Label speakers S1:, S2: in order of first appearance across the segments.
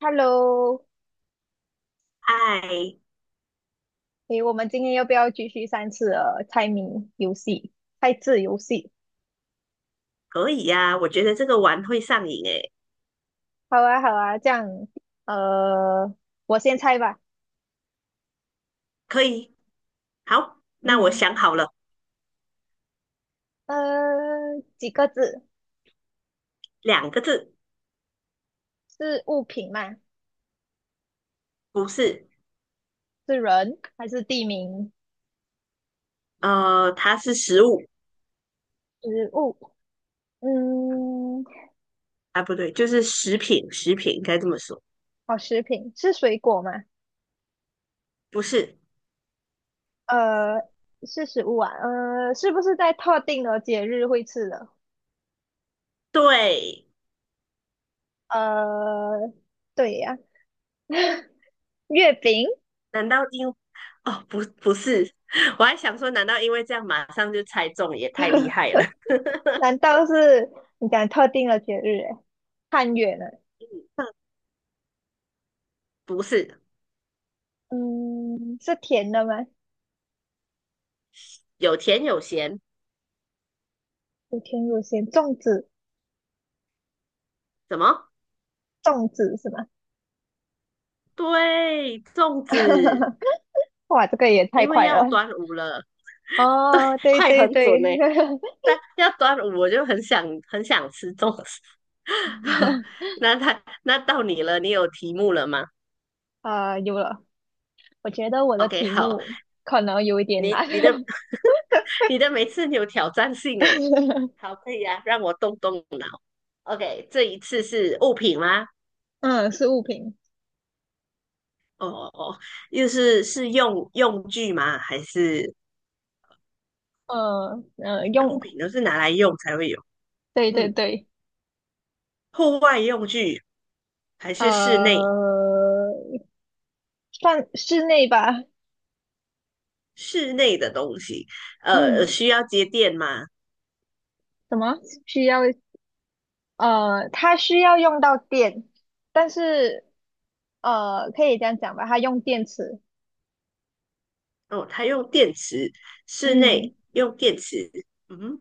S1: Hello，
S2: 哎，
S1: 诶，我们今天要不要继续三次的猜谜游戏、猜字游戏？
S2: 可以呀、我觉得这个玩会上瘾诶，
S1: 好啊，好啊，这样，呃，我先猜吧。
S2: 可以。好，那我
S1: 嗯，
S2: 想好了，
S1: 几个字？
S2: 两个字，
S1: 是物品吗？
S2: 不是，
S1: 是人还是地名？
S2: 它是食物，
S1: 食物？嗯，
S2: 啊，不对，就是食品，食品应该这么说，
S1: 好，食品是水果吗？
S2: 不是，
S1: 呃，是食物啊。是不是在特定的节日会吃的？
S2: 对，
S1: 呃，对呀、月饼。
S2: 难道因，哦，不，不是，我还想说，难道因为这样马上就猜中，也太厉害了，
S1: 难道是你讲特定的节日？哎，汉月呢？
S2: 不是，
S1: 嗯，是甜的吗？
S2: 有甜有咸，
S1: 有甜有咸，粽子，
S2: 怎么？
S1: 粽子是吗？
S2: 对，粽子，
S1: 哇，这个也太
S2: 因为
S1: 快
S2: 要
S1: 了。
S2: 端午了，
S1: 哦，对
S2: 快
S1: 对
S2: 很
S1: 对，
S2: 准呢、但要端午，我就很想很想吃粽子。好，那他那到你了，你有题目了吗
S1: 啊、有了。我觉得我的
S2: ？OK，
S1: 题
S2: 好，
S1: 目可能有一点
S2: 你
S1: 难。
S2: 你的你的每次你有挑战性诶，好，可以啊，让我动动。OK，这一次是物品吗？
S1: 嗯，是物品。
S2: 哦哦哦，又是用用具吗？还是那物
S1: 用，
S2: 品都是拿来用才会有？
S1: 对对
S2: 嗯，
S1: 对，
S2: 户外用具还是室内
S1: 呃，算室内吧。
S2: 室内的东西？
S1: 嗯，
S2: 需要接电吗？
S1: 什么需要它需要用到电，但是可以这样讲吧，它用电池。
S2: 哦，它用电池，室
S1: 嗯
S2: 内用电池，嗯，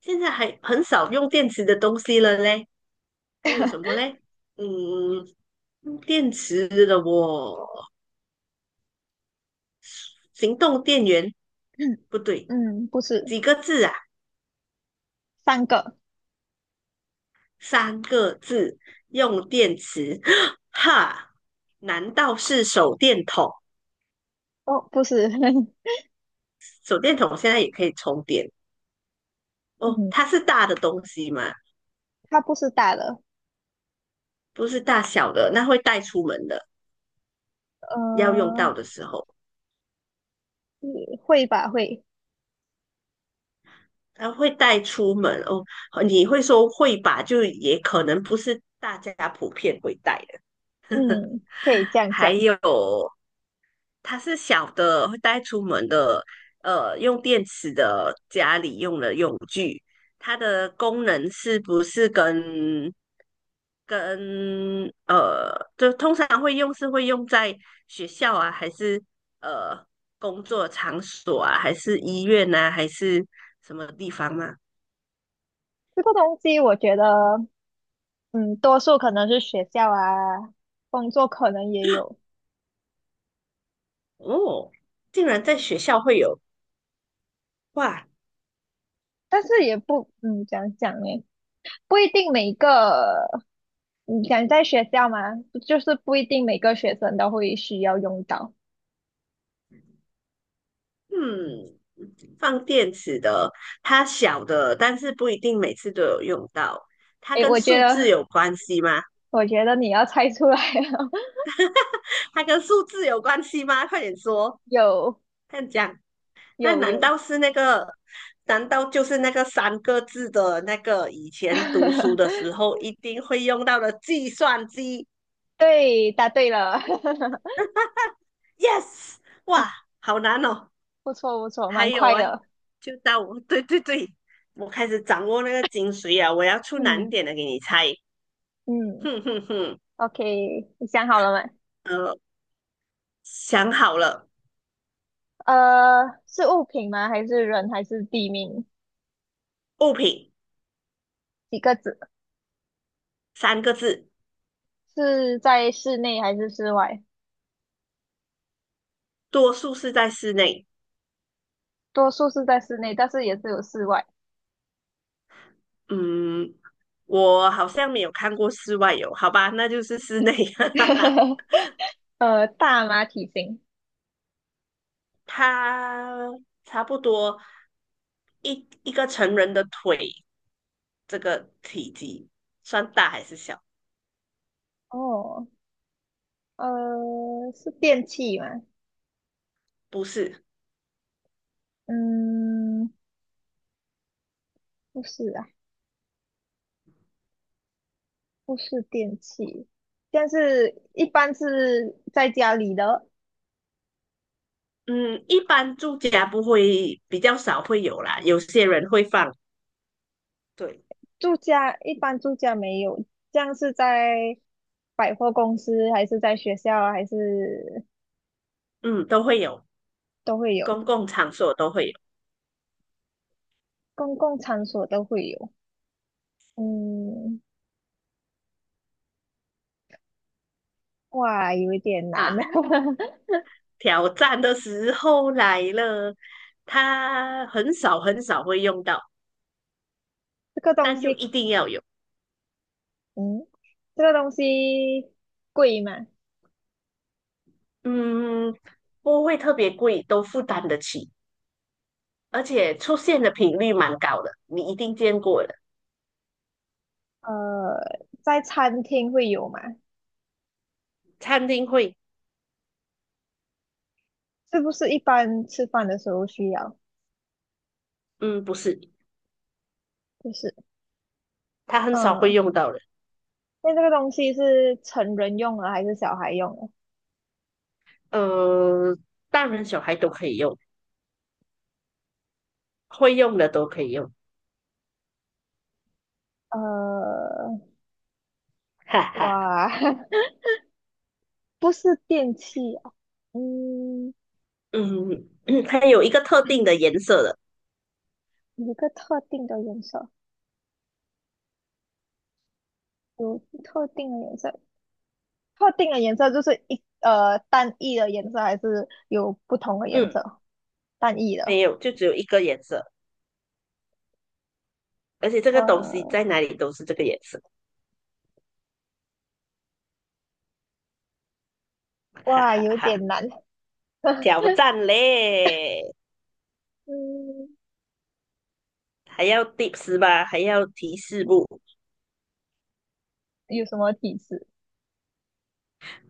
S2: 现在还很少用电池的东西了嘞。还有什么嘞？嗯，用电池的我，行动电源 不对，
S1: 嗯，不是。
S2: 几个字啊？
S1: 三个。
S2: 三个字，用电池，哈，难道是手电筒？
S1: 哦，不是。
S2: 手电筒现在也可以充电哦，
S1: 嗯，
S2: 它是大的东西嘛，
S1: 它不是大的，
S2: 不是大小的，那会带出门的，要用
S1: 呃，
S2: 到的时候。
S1: 嗯会，
S2: 啊，会带出门哦。你会说会吧，就也可能不是大家普遍会带的。
S1: 嗯，可以这样
S2: 还
S1: 讲。
S2: 有，它是小的会带出门的，用电池的家里用的用具，它的功能是不是跟呃，就通常会用是会用在学校啊，还是呃工作场所啊，还是医院啊，还是什么地方吗？
S1: 这个东西我觉得，嗯，多数可能是学校啊，工作可能也有，
S2: 哦，竟然在学校会有，哇，
S1: 但是也不，怎样讲呢，不一定每一个。你想在学校吗？就是不一定每个学生都会需要用到。
S2: 嗯，放电池的，它小的，但是不一定每次都有用到。它
S1: 诶，
S2: 跟
S1: 我觉
S2: 数字
S1: 得，
S2: 有关系吗？
S1: 我觉得你要猜出来了，
S2: 它跟数字有关系吗？快点说，
S1: 有
S2: 快点讲。那
S1: 有
S2: 难
S1: 有，
S2: 道是那个？难道就是那个三个字的那个以前读书的时 候一定会用到的计算机
S1: 对，答对了，
S2: ？Yes，哇，好难哦。
S1: 不错不错，
S2: 还
S1: 蛮
S2: 有
S1: 快
S2: 哎，
S1: 的。
S2: 就到我，对对对，我开始掌握那个精髓啊！我要出难
S1: 嗯
S2: 点的给你猜，
S1: 嗯
S2: 哼哼哼，
S1: ，OK，你想好了吗？
S2: 呃，想好了，
S1: 是物品吗？还是人？还是地名？
S2: 物品
S1: 几个字？
S2: 三个字，
S1: 是在室内还是室外？
S2: 多数是在室内。
S1: 多数是在室内，但是也是有室外。
S2: 嗯，我好像没有看过室外有，好吧，那就是室内。
S1: 大吗？体型？
S2: 它差不多一个成人的腿这个体积，算大还是小？
S1: 哦，是电器吗？
S2: 不是。
S1: 嗯，不是啊，不是电器，但是一般是在家里的，
S2: 嗯，一般住家不会，比较少会有啦。有些人会放，对，
S1: 住家一般住家没有，这样是在百货公司还是在学校还是
S2: 嗯，都会有，
S1: 都会有，
S2: 公共场所都会有
S1: 公共场所都会有。嗯，哇，有一点难啊，
S2: 啊。挑战的时候来了，它很少很少会用到，
S1: 这个东
S2: 但就
S1: 西，
S2: 一定要有。
S1: 嗯，这个东西贵吗？
S2: 嗯，不会特别贵，都负担得起，而且出现的频率蛮高的，你一定见过的。
S1: 呃，在餐厅会有吗？
S2: 餐厅会，
S1: 是不是一般吃饭的时候需要？
S2: 嗯，不是，
S1: 就是
S2: 他很少会
S1: 嗯，
S2: 用到的。
S1: 那这个东西是成人用的还是小孩用的？
S2: 呃，大人小孩都可以用，会用的都可以用。
S1: 呃，
S2: 哈哈，
S1: 哇，不是电器啊，嗯，
S2: 嗯，它有一个特定的颜色的，
S1: 有一个特定的颜色，有特定的颜色，特定的颜色就是单一的颜色，还是有不同的颜
S2: 嗯，
S1: 色？单一的，
S2: 没有，就只有一个颜色，而且这个东西
S1: 哇
S2: 在哪里都是这个颜色，哈
S1: 哇，
S2: 哈
S1: 有
S2: 哈，
S1: 点难，
S2: 挑 战嘞，
S1: 嗯，
S2: 还要 tips 吧，还要提示不？
S1: 有什么提示？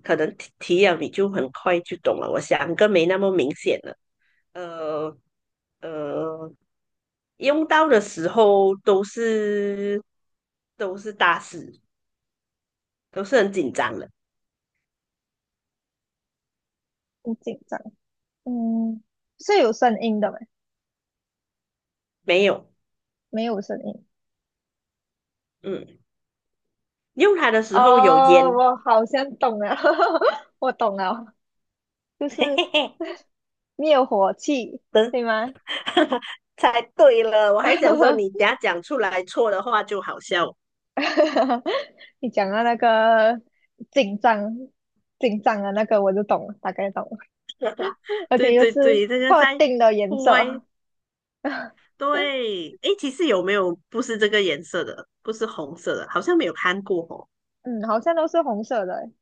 S2: 可能提提了你就很快就懂了，我想个没那么明显了，呃呃，用到的时候都是大事，都是很紧张的，
S1: 很紧张，嗯，是有声音的吗？
S2: 没有，
S1: 没有声音，
S2: 嗯，用它的时候有
S1: 哦，
S2: 烟。
S1: 我好像懂了，我懂了，就是 灭火器，对吗？
S2: 猜对了，我还想说你 等下讲出来错的话就好笑。
S1: 你讲到那个紧张、紧张的那个，我就懂了，大概懂了，而
S2: 对
S1: 且又
S2: 对
S1: 是
S2: 对，这个
S1: 特
S2: 在
S1: 定的颜
S2: 户外，
S1: 色，
S2: 对，诶，其实有没有不是这个颜色的，不是红色的，好像没有看过哦。
S1: 嗯，好像都是红色的欸。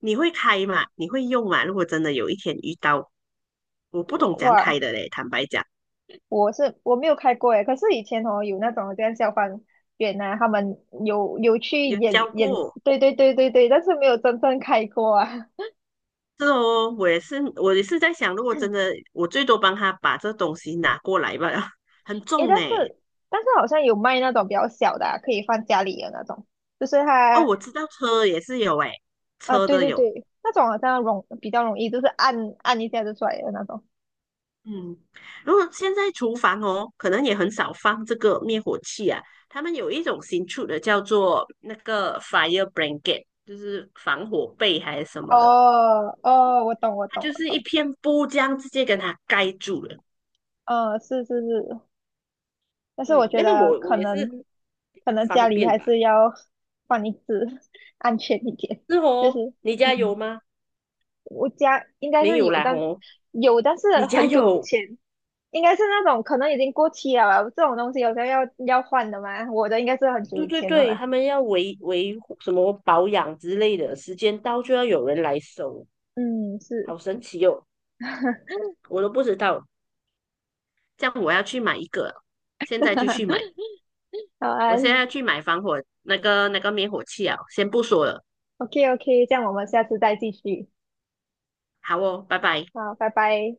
S2: 你会开吗？你会用吗？如果真的有一天遇到，我不
S1: 我，
S2: 懂怎样开
S1: 哇，
S2: 的嘞，坦白讲，
S1: 我没有开过诶，可是以前哦有那种这样消防员啊，他们有去
S2: 有
S1: 演
S2: 教
S1: 演，
S2: 过。
S1: 对对对对对，但是没有真正开过啊。
S2: 是哦，我也是，我也是在想，如果真的，我最多帮他把这东西拿过来吧，很
S1: 诶，
S2: 重
S1: 但是
S2: 诶。
S1: 但是好像有卖那种比较小的啊可以放家里的那种，就是
S2: 哦，
S1: 它
S2: 我知道车也是有诶，
S1: 啊，
S2: 车
S1: 对
S2: 的
S1: 对
S2: 有，
S1: 对，那种好像比较容易，就是按一下就出来的那种。
S2: 嗯，如果现在厨房哦，可能也很少放这个灭火器啊。他们有一种新出的，叫做那个 fire blanket，就是防火被还是什么的，
S1: 哦哦，我懂我
S2: 它
S1: 懂
S2: 就
S1: 我
S2: 是一
S1: 懂，
S2: 片布这样直接跟它盖住了。
S1: 嗯，是是是，但是我
S2: 对，
S1: 觉
S2: 那个
S1: 得
S2: 我
S1: 可
S2: 也是
S1: 能
S2: 比
S1: 可
S2: 较
S1: 能家
S2: 方
S1: 里
S2: 便
S1: 还
S2: 吧。
S1: 是要放一只，安全一点，
S2: 是
S1: 就
S2: 哦，
S1: 是
S2: 你家有
S1: 嗯，
S2: 吗？
S1: 我家应该
S2: 没
S1: 是
S2: 有
S1: 有，
S2: 啦哦，
S1: 但是
S2: 你家
S1: 很久以
S2: 有？
S1: 前。应该是那种可能已经过期了吧，这种东西有时候要换的嘛。我的应该是很久
S2: 对
S1: 以
S2: 对
S1: 前的
S2: 对，他
S1: 了。
S2: 们要维护什么保养之类的，时间到就要有人来收，
S1: 嗯，是。
S2: 好神奇哦，我都不知道。这样我要去买一个，现在就去买。
S1: 好啊
S2: 我现在去买防火那个那个灭火器啊，先不说了。
S1: ，OK OK，这样我们下次再继续。
S2: 好哦，拜拜。
S1: 好，拜拜。